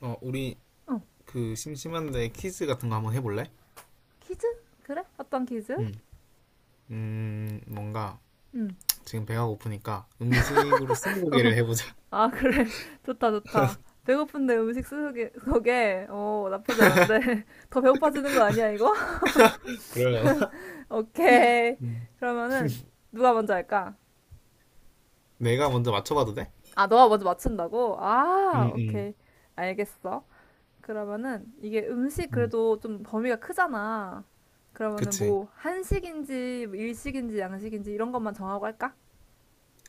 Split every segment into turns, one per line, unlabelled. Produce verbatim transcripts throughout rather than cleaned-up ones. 어, 우리
어,
그 심심한데 퀴즈 같은 거 한번 해볼래?
퀴즈? 그래? 어떤 퀴즈?
응. 음, 뭔가
응.
지금 배가 고프니까 음식으로 스무고개를
어,
해보자.
아, 그래. 좋다, 좋다. 배고픈데 음식 쓰게, 속에, 어, 나쁘지 않은데. 더 배고파지는 거 아니야, 이거?
그러려나?
오케이.
음.
그러면은, 누가 먼저 할까?
내가 먼저 맞춰봐도 돼?
아, 너가 먼저 맞춘다고? 아,
응, 응.
오케이. 알겠어. 그러면은, 이게 음식
응.
그래도 좀 범위가 크잖아. 그러면은
그치.
뭐, 한식인지, 뭐 일식인지, 양식인지 이런 것만 정하고 할까?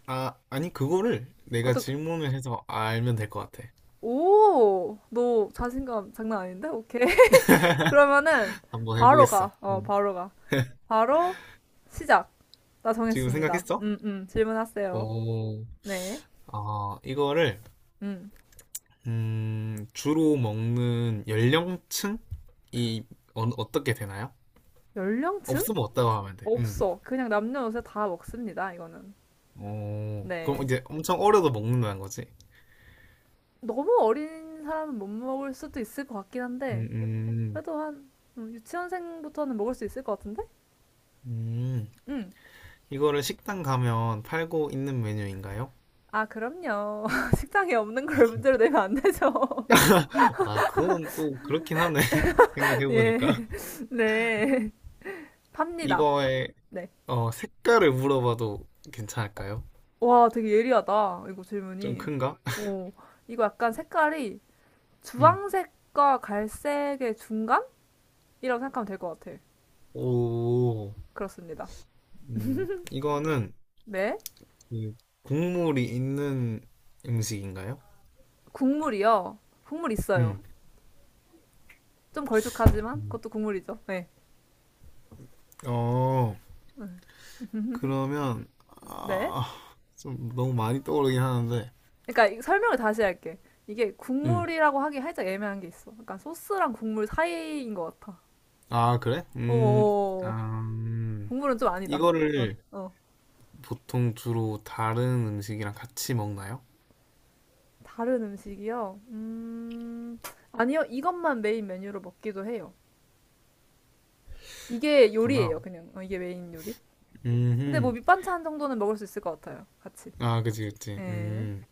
아, 아니, 그거를 내가
그것도,
질문을 해서 알면 될 것 같아.
오, 너 자신감 장난 아닌데? 오케이. 그러면은
한번
바로
해보겠어.
가. 어,
응.
바로 가. 바로 시작. 나
지금
정했습니다.
생각했어?
음, 음. 질문하세요.
어,
네.
아, 이거를,
음.
음, 주로 먹는 연령층이 어, 어떻게 되나요?
연령층?
없으면 없다고 하면 돼. 응.
없어. 그냥 남녀노소 다 먹습니다. 이거는.
어, 그럼
네.
이제 엄청 어려도 먹는다는 거지?
너무 어린 사람은 못 먹을 수도 있을 것 같긴 한데
음, 음,
그래도 한 음, 유치원생부터는 먹을 수 있을 것 같은데?
음.
음.
이거를 식당 가면 팔고 있는 메뉴인가요?
아, 그럼요. 식당에 없는 걸 문제로 내면 안 되죠.
아, 그건 또 그렇긴 하네.
예.
생각해보니까.
네. 팝니다.
이거의
네.
어, 색깔을 물어봐도 괜찮을까요?
와, 되게 예리하다. 이거
좀
질문이.
큰가?
어, 이거 약간 색깔이
음.
주황색과 갈색의 중간이라고 생각하면 될 것 같아.
오,
그렇습니다.
음, 이거는
네.
그 국물이 있는 음식인가요?
국물이요. 국물 있어요.
음.
좀 걸쭉하지만
음.
그것도 국물이죠. 네.
어, 그러면,
네.
아, 좀 너무 많이 떠오르긴 하는데.
그러니까 이- 설명을 다시 할게. 이게
음.
국물이라고 하기 살짝 애매한 게 있어. 약간 소스랑 국물 사이인 것 같아.
아, 그래? 음,
어어어.
아, 음,
국물은 좀 아니다. 어,
이거를
어.
보통 주로 다른 음식이랑 같이 먹나요?
다른 음식이요? 음, 아니요. 이것만 메인 메뉴로 먹기도 해요. 이게 요리예요,
그렇구나.
그냥. 어, 이게 메인 요리. 근데 뭐
음,
밑반찬 정도는 먹을 수 있을 것 같아요, 같이.
아, 그치, 그치.
예.
음.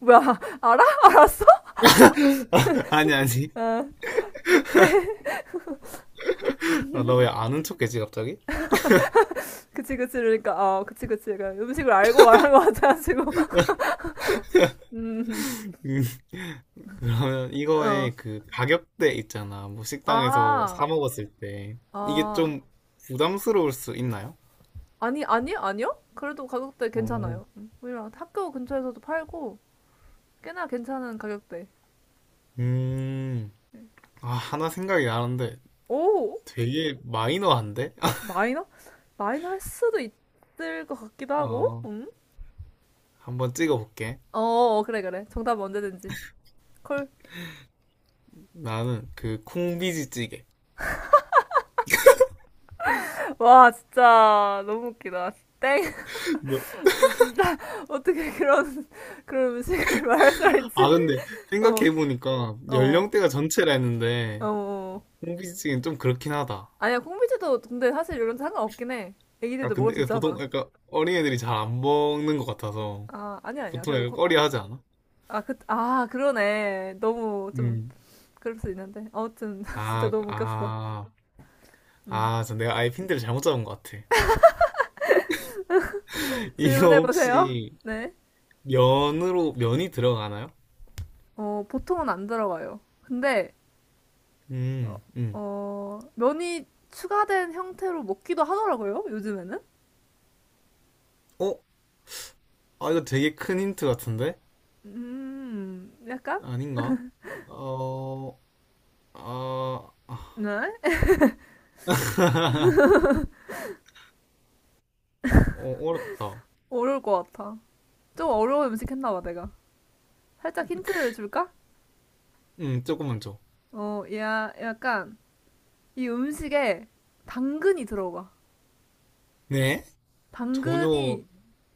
뭐야, 알아? 알았어?
아니, 아니.
아, 오케이.
너 왜 아는 척했지, 갑자기?
그치, 그치. 그러니까, 어, 그치, 그치. 그러니까 음식을 알고 말한 것 같아가지고. 음,
음, 그러면
어.
이거의 그 가격대 있잖아. 뭐 식당에서 사
아,
먹었을 때. 이게
아.
좀 부담스러울 수 있나요?
아니, 아니, 아니요? 그래도 가격대
어.
괜찮아요. 음, 오히려 학교 근처에서도 팔고, 꽤나 괜찮은 가격대.
음, 아, 하나 생각이 나는데
오!
되게 마이너한데?
마이너? 마이너 할 수도 있을 것 같기도 하고,
어,
음?
한번 찍어볼게.
어, 어, 그래, 그래. 정답 언제든지. 콜.
나는 그 콩비지찌개.
와, 진짜 너무 웃기다. 땡.
너-
너 진짜 어떻게 그런 그런 음식을 말할 수가
아,
있지?
근데
어,
생각해보니까
어,
연령대가 전체라
어.
했는데
어.
콩비지찌개는 좀 그렇긴 하다.
아니야, 콩비지도 근데 사실 이런 거 상관없긴 해.
아,
애기들도 먹을 수
근데 보통
있잖아.
약간 어린애들이 잘 안 먹는 것 같아서
아, 아니야, 아니야.
보통
그래도
약간
거,
꺼리하지 않아?
아, 그, 아, 그러네. 너무 좀
음.
그럴 수 있는데. 아무튼 진짜
아,
너무 웃겼어.
아,
음.
아, 저 내가 아예 핀들을 잘못 잡은 것 같아. 이거
질문해 보세요.
혹시
네.
면으로, 면이 들어가나요?
어, 보통은 안 들어가요. 근데 어,
음, 음.
어, 면이 추가된 형태로 먹기도 하더라고요, 요즘에는.
어? 아, 이거 되게 큰 힌트 같은데?
음, 약간?
아닌가? 어, 아,
네?
어, 어렵다.
어려울 것 같아. 좀 어려운 음식 했나 봐, 내가. 살짝 힌트를 줄까?
음, 조금만 줘.
어, 야, 약간 이 음식에 당근이 들어가.
네? 전혀,
당근이,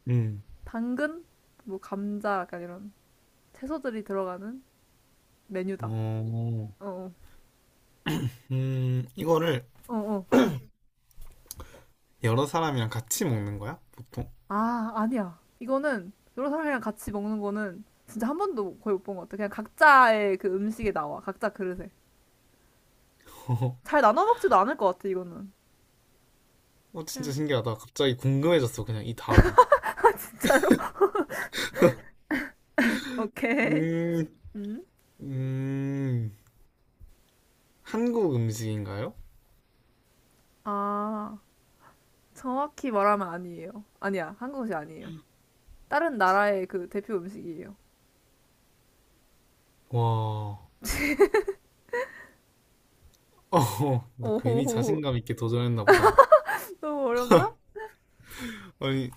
음,
당근? 뭐 감자, 약간 이런 채소들이 들어가는 메뉴다.
어,
어,
음, 이거를
어, 어. 어.
여러 사람이랑 같이 먹는 거야? 보통?
아, 아니야. 이거는 여러 사람이랑 같이 먹는 거는 진짜 한 번도 거의 못 본 것 같아. 그냥 각자의 그 음식에 나와. 각자 그릇에. 잘 나눠 먹지도 않을 것 같아, 이거는.
어, 진짜
그냥
신기하다. 갑자기 궁금해졌어, 그냥 이 답이.
진짜로? 오케이.
음,
음?
음, 한국 음식인가요?
아, 정확히 말하면 아니에요. 아니야, 한국음식 아니에요. 다른 나라의 그 대표 음식이에요.
와, 어, 나 괜히
오호호,
자신감 있게 도전했나 보다.
너무 어렵나?
아니,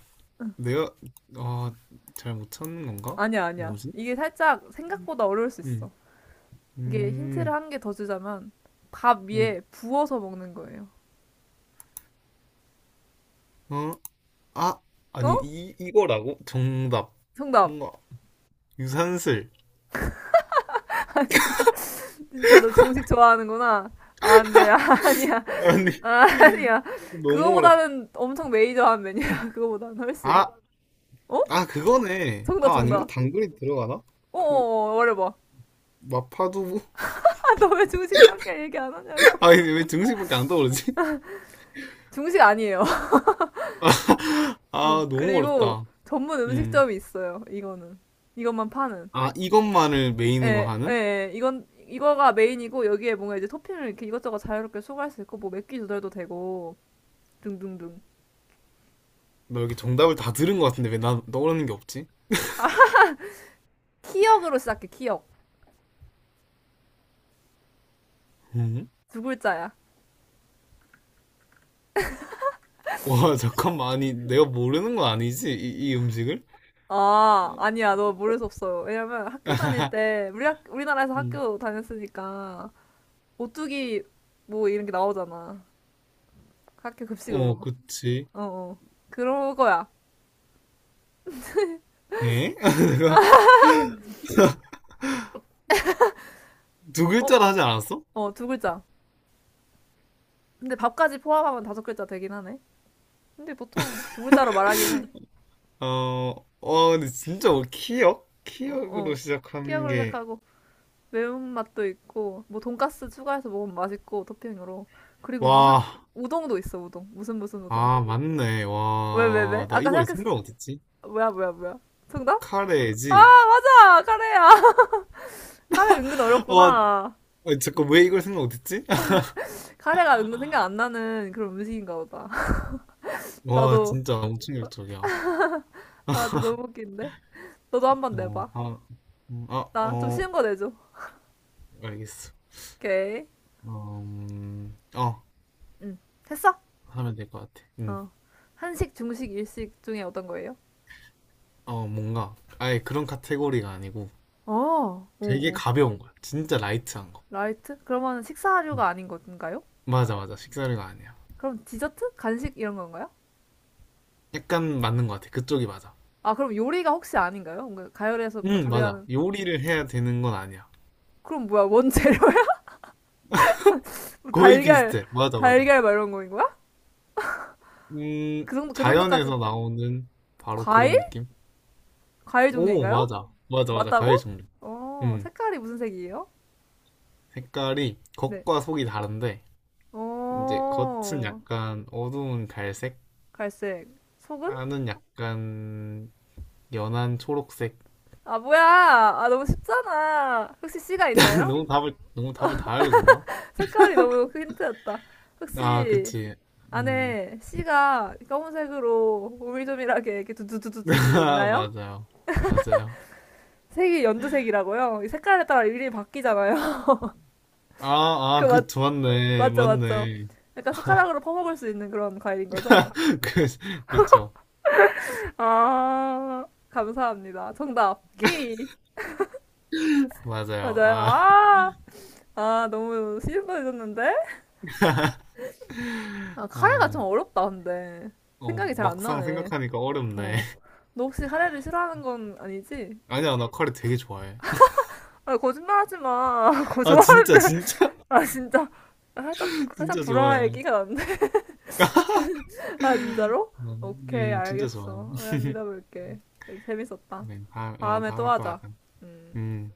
내가, 아, 잘 못 찾는 건가?
아니야, 아니야.
뭐지?
이게 살짝 생각보다 어려울 수
음,
있어. 이게
음,
힌트를 한 개 더 주자면, 밥
음.
위에 부어서 먹는 거예요.
어? 아, 아니,
어?
이, 이거라고? 정답.
정답.
뭔가, 유산슬.
아니, 진짜 너 중식 좋아하는구나. 아, 안 돼, 아, 아니야,
아니,
아, 아니야.
너무 어렵다.
그거보다는 엄청 메이저한 메뉴야, 그거보다는 훨씬.
아,
어?
아, 그거네.
정답,
아, 아닌가?
정답.
당근이 들어가나? 그,
어어어, 말해봐.
마파두부?
너 왜 중식밖에 얘기 안 하냐고.
아니, 왜 등심밖에 안 떠오르지?
중식 아니에요. 어,
아, 너무
그리고
어렵다.
전문
음.
음식점이 있어요. 이거는. 이것만 파는.
아, 이것만을 메인으로
예, 예,
하는?
예. 이건, 이거가 메인이고, 여기에 뭔가 이제 토핑을 이렇게 이것저것 자유롭게 추가할 수 있고, 뭐 맥기 조절도 되고, 등등등.
나 여기 정답을 다 들은 것 같은데 왜 나 떠오르는 게 없지?
키역으로 시작해, 키역.
음?
두 글자야.
와, 잠깐만. 아니, 내가 모르는 건 아니지? 이, 이 음식을?
아, 아니야. 너 모를 수 없어. 왜냐면 학교 다닐 때, 우리 학, 우리나라에서
음.
학교 다녔으니까, 오뚜기 뭐 이런 게 나오잖아. 학교 급식으로.
어, 그치.
어, 어. 그런 거야.
예? 두
어,
글자로 하지 않았어?
어, 두 글자. 근데 밥까지 포함하면 다섯 글자 되긴 하네. 근데 보통 두 글자로 말하긴 해.
어, 어, 근데 진짜 뭐 키역?
어,
키역으로
어.
시작하는
키역으로
게,
시작하고 매운맛도 있고 뭐 돈가스 추가해서 먹으면 맛있고 토핑으로. 그리고 무슨
와,
우동도 있어, 우동. 무슨 무슨 우동.
아, 맞네.
왜, 왜,
와,
왜?
나
아까
이걸
생각했어.
생각 못했지?
뭐야, 뭐야, 뭐야. 정답?
카레지?
자, 카레야. 카레 은근
와,
어렵구나.
아, 잠깐, 왜 이걸 생각 못했지?
카레가 은근 생각 안 나는 그런 음식인가 보다.
와,
나도
진짜 엄청 충격적이야.
아, 진짜 너무 웃긴데. 너도 한번
어,
내봐.
다, 음, 아,
나 좀 쉬운
어,
거 내줘.
알겠어.
오케이.
어, 음, 어,
응. 됐어.
하면 될 것 같아. 응.
어. 한식, 중식, 일식 중에 어떤 거예요?
어, 뭔가, 아예 그런 카테고리가 아니고
어, 오,
되게
오.
가벼운 거야. 진짜 라이트한 거.
라이트? 그러면
응.
식사류가 아닌 건가요?
맞아, 맞아. 식사류가 아니야.
그럼 디저트? 간식 이런 건가요?
약간 맞는 것 같아. 그쪽이 맞아.
아, 그럼 요리가 혹시 아닌가요? 뭔가 가열해서 뭔가
응, 맞아.
조리하는.
요리를 해야 되는 건 아니야.
그럼 뭐야, 원재료야?
거의
달걀,
비슷해. 맞아, 맞아.
달걀 막 이런 거인 거야? 그
음,
정도, 그 정도까진.
자연에서 나오는 바로
과일?
그런 느낌?
과일
오,
종류인가요?
맞아. 맞아, 맞아. 과일
맞다고?
종류.
어,
음,
색깔이 무슨 색이에요?
색깔이
네.
겉과 속이 다른데, 이제 겉은
어,
약간 어두운 갈색,
갈색. 속은?
안은 약간 연한 초록색.
아, 뭐야! 아, 너무 쉽잖아. 혹시 씨가 있나요?
너무 답을, 너무 답을 다 알려줬나?
색깔이 너무 힌트였다.
아,
혹시
그치. 음,
안에 씨가 검은색으로 오밀조밀하게 이렇게 두두두두두두
아,
있나요?
맞아요. 맞아요.
색이 연두색이라고요? 이 색깔에 따라 일일이 바뀌잖아요.
아,
그
아, 그,
맞,
좋았네.
맞죠, 맞죠.
맞네.
약간 숟가락으로 퍼먹을 수 있는 그런 과일인 거죠?
그, 그쵸.
아, 감사합니다. 정답, 키위.
맞아요.
맞아요.
아,
아, 아, 너무 쉬운 거해졌는데 아, 카레가 좀
아,
어렵다, 근데.
어,
생각이 잘 안
막상
나네.
생각하니까
어,
어렵네.
어. 너 혹시 카레를 싫어하는 건 아니지?
아니야, 나 커리 되게 좋아해.
아, 거짓말하지 마. 그거
아, 진짜,
좋아하는데.
진짜,
아, 진짜. 아, 살짝, 살짝
진짜
불화의
좋아해.
끼가 났네. 아, 진짜로?
음,
오케이,
음, 진짜 좋아해.
알겠어. 그냥 믿어볼게. 재밌었다.
그래, 다, 어,
다음에 또
다음에 또
하자.
하자.
음.
음.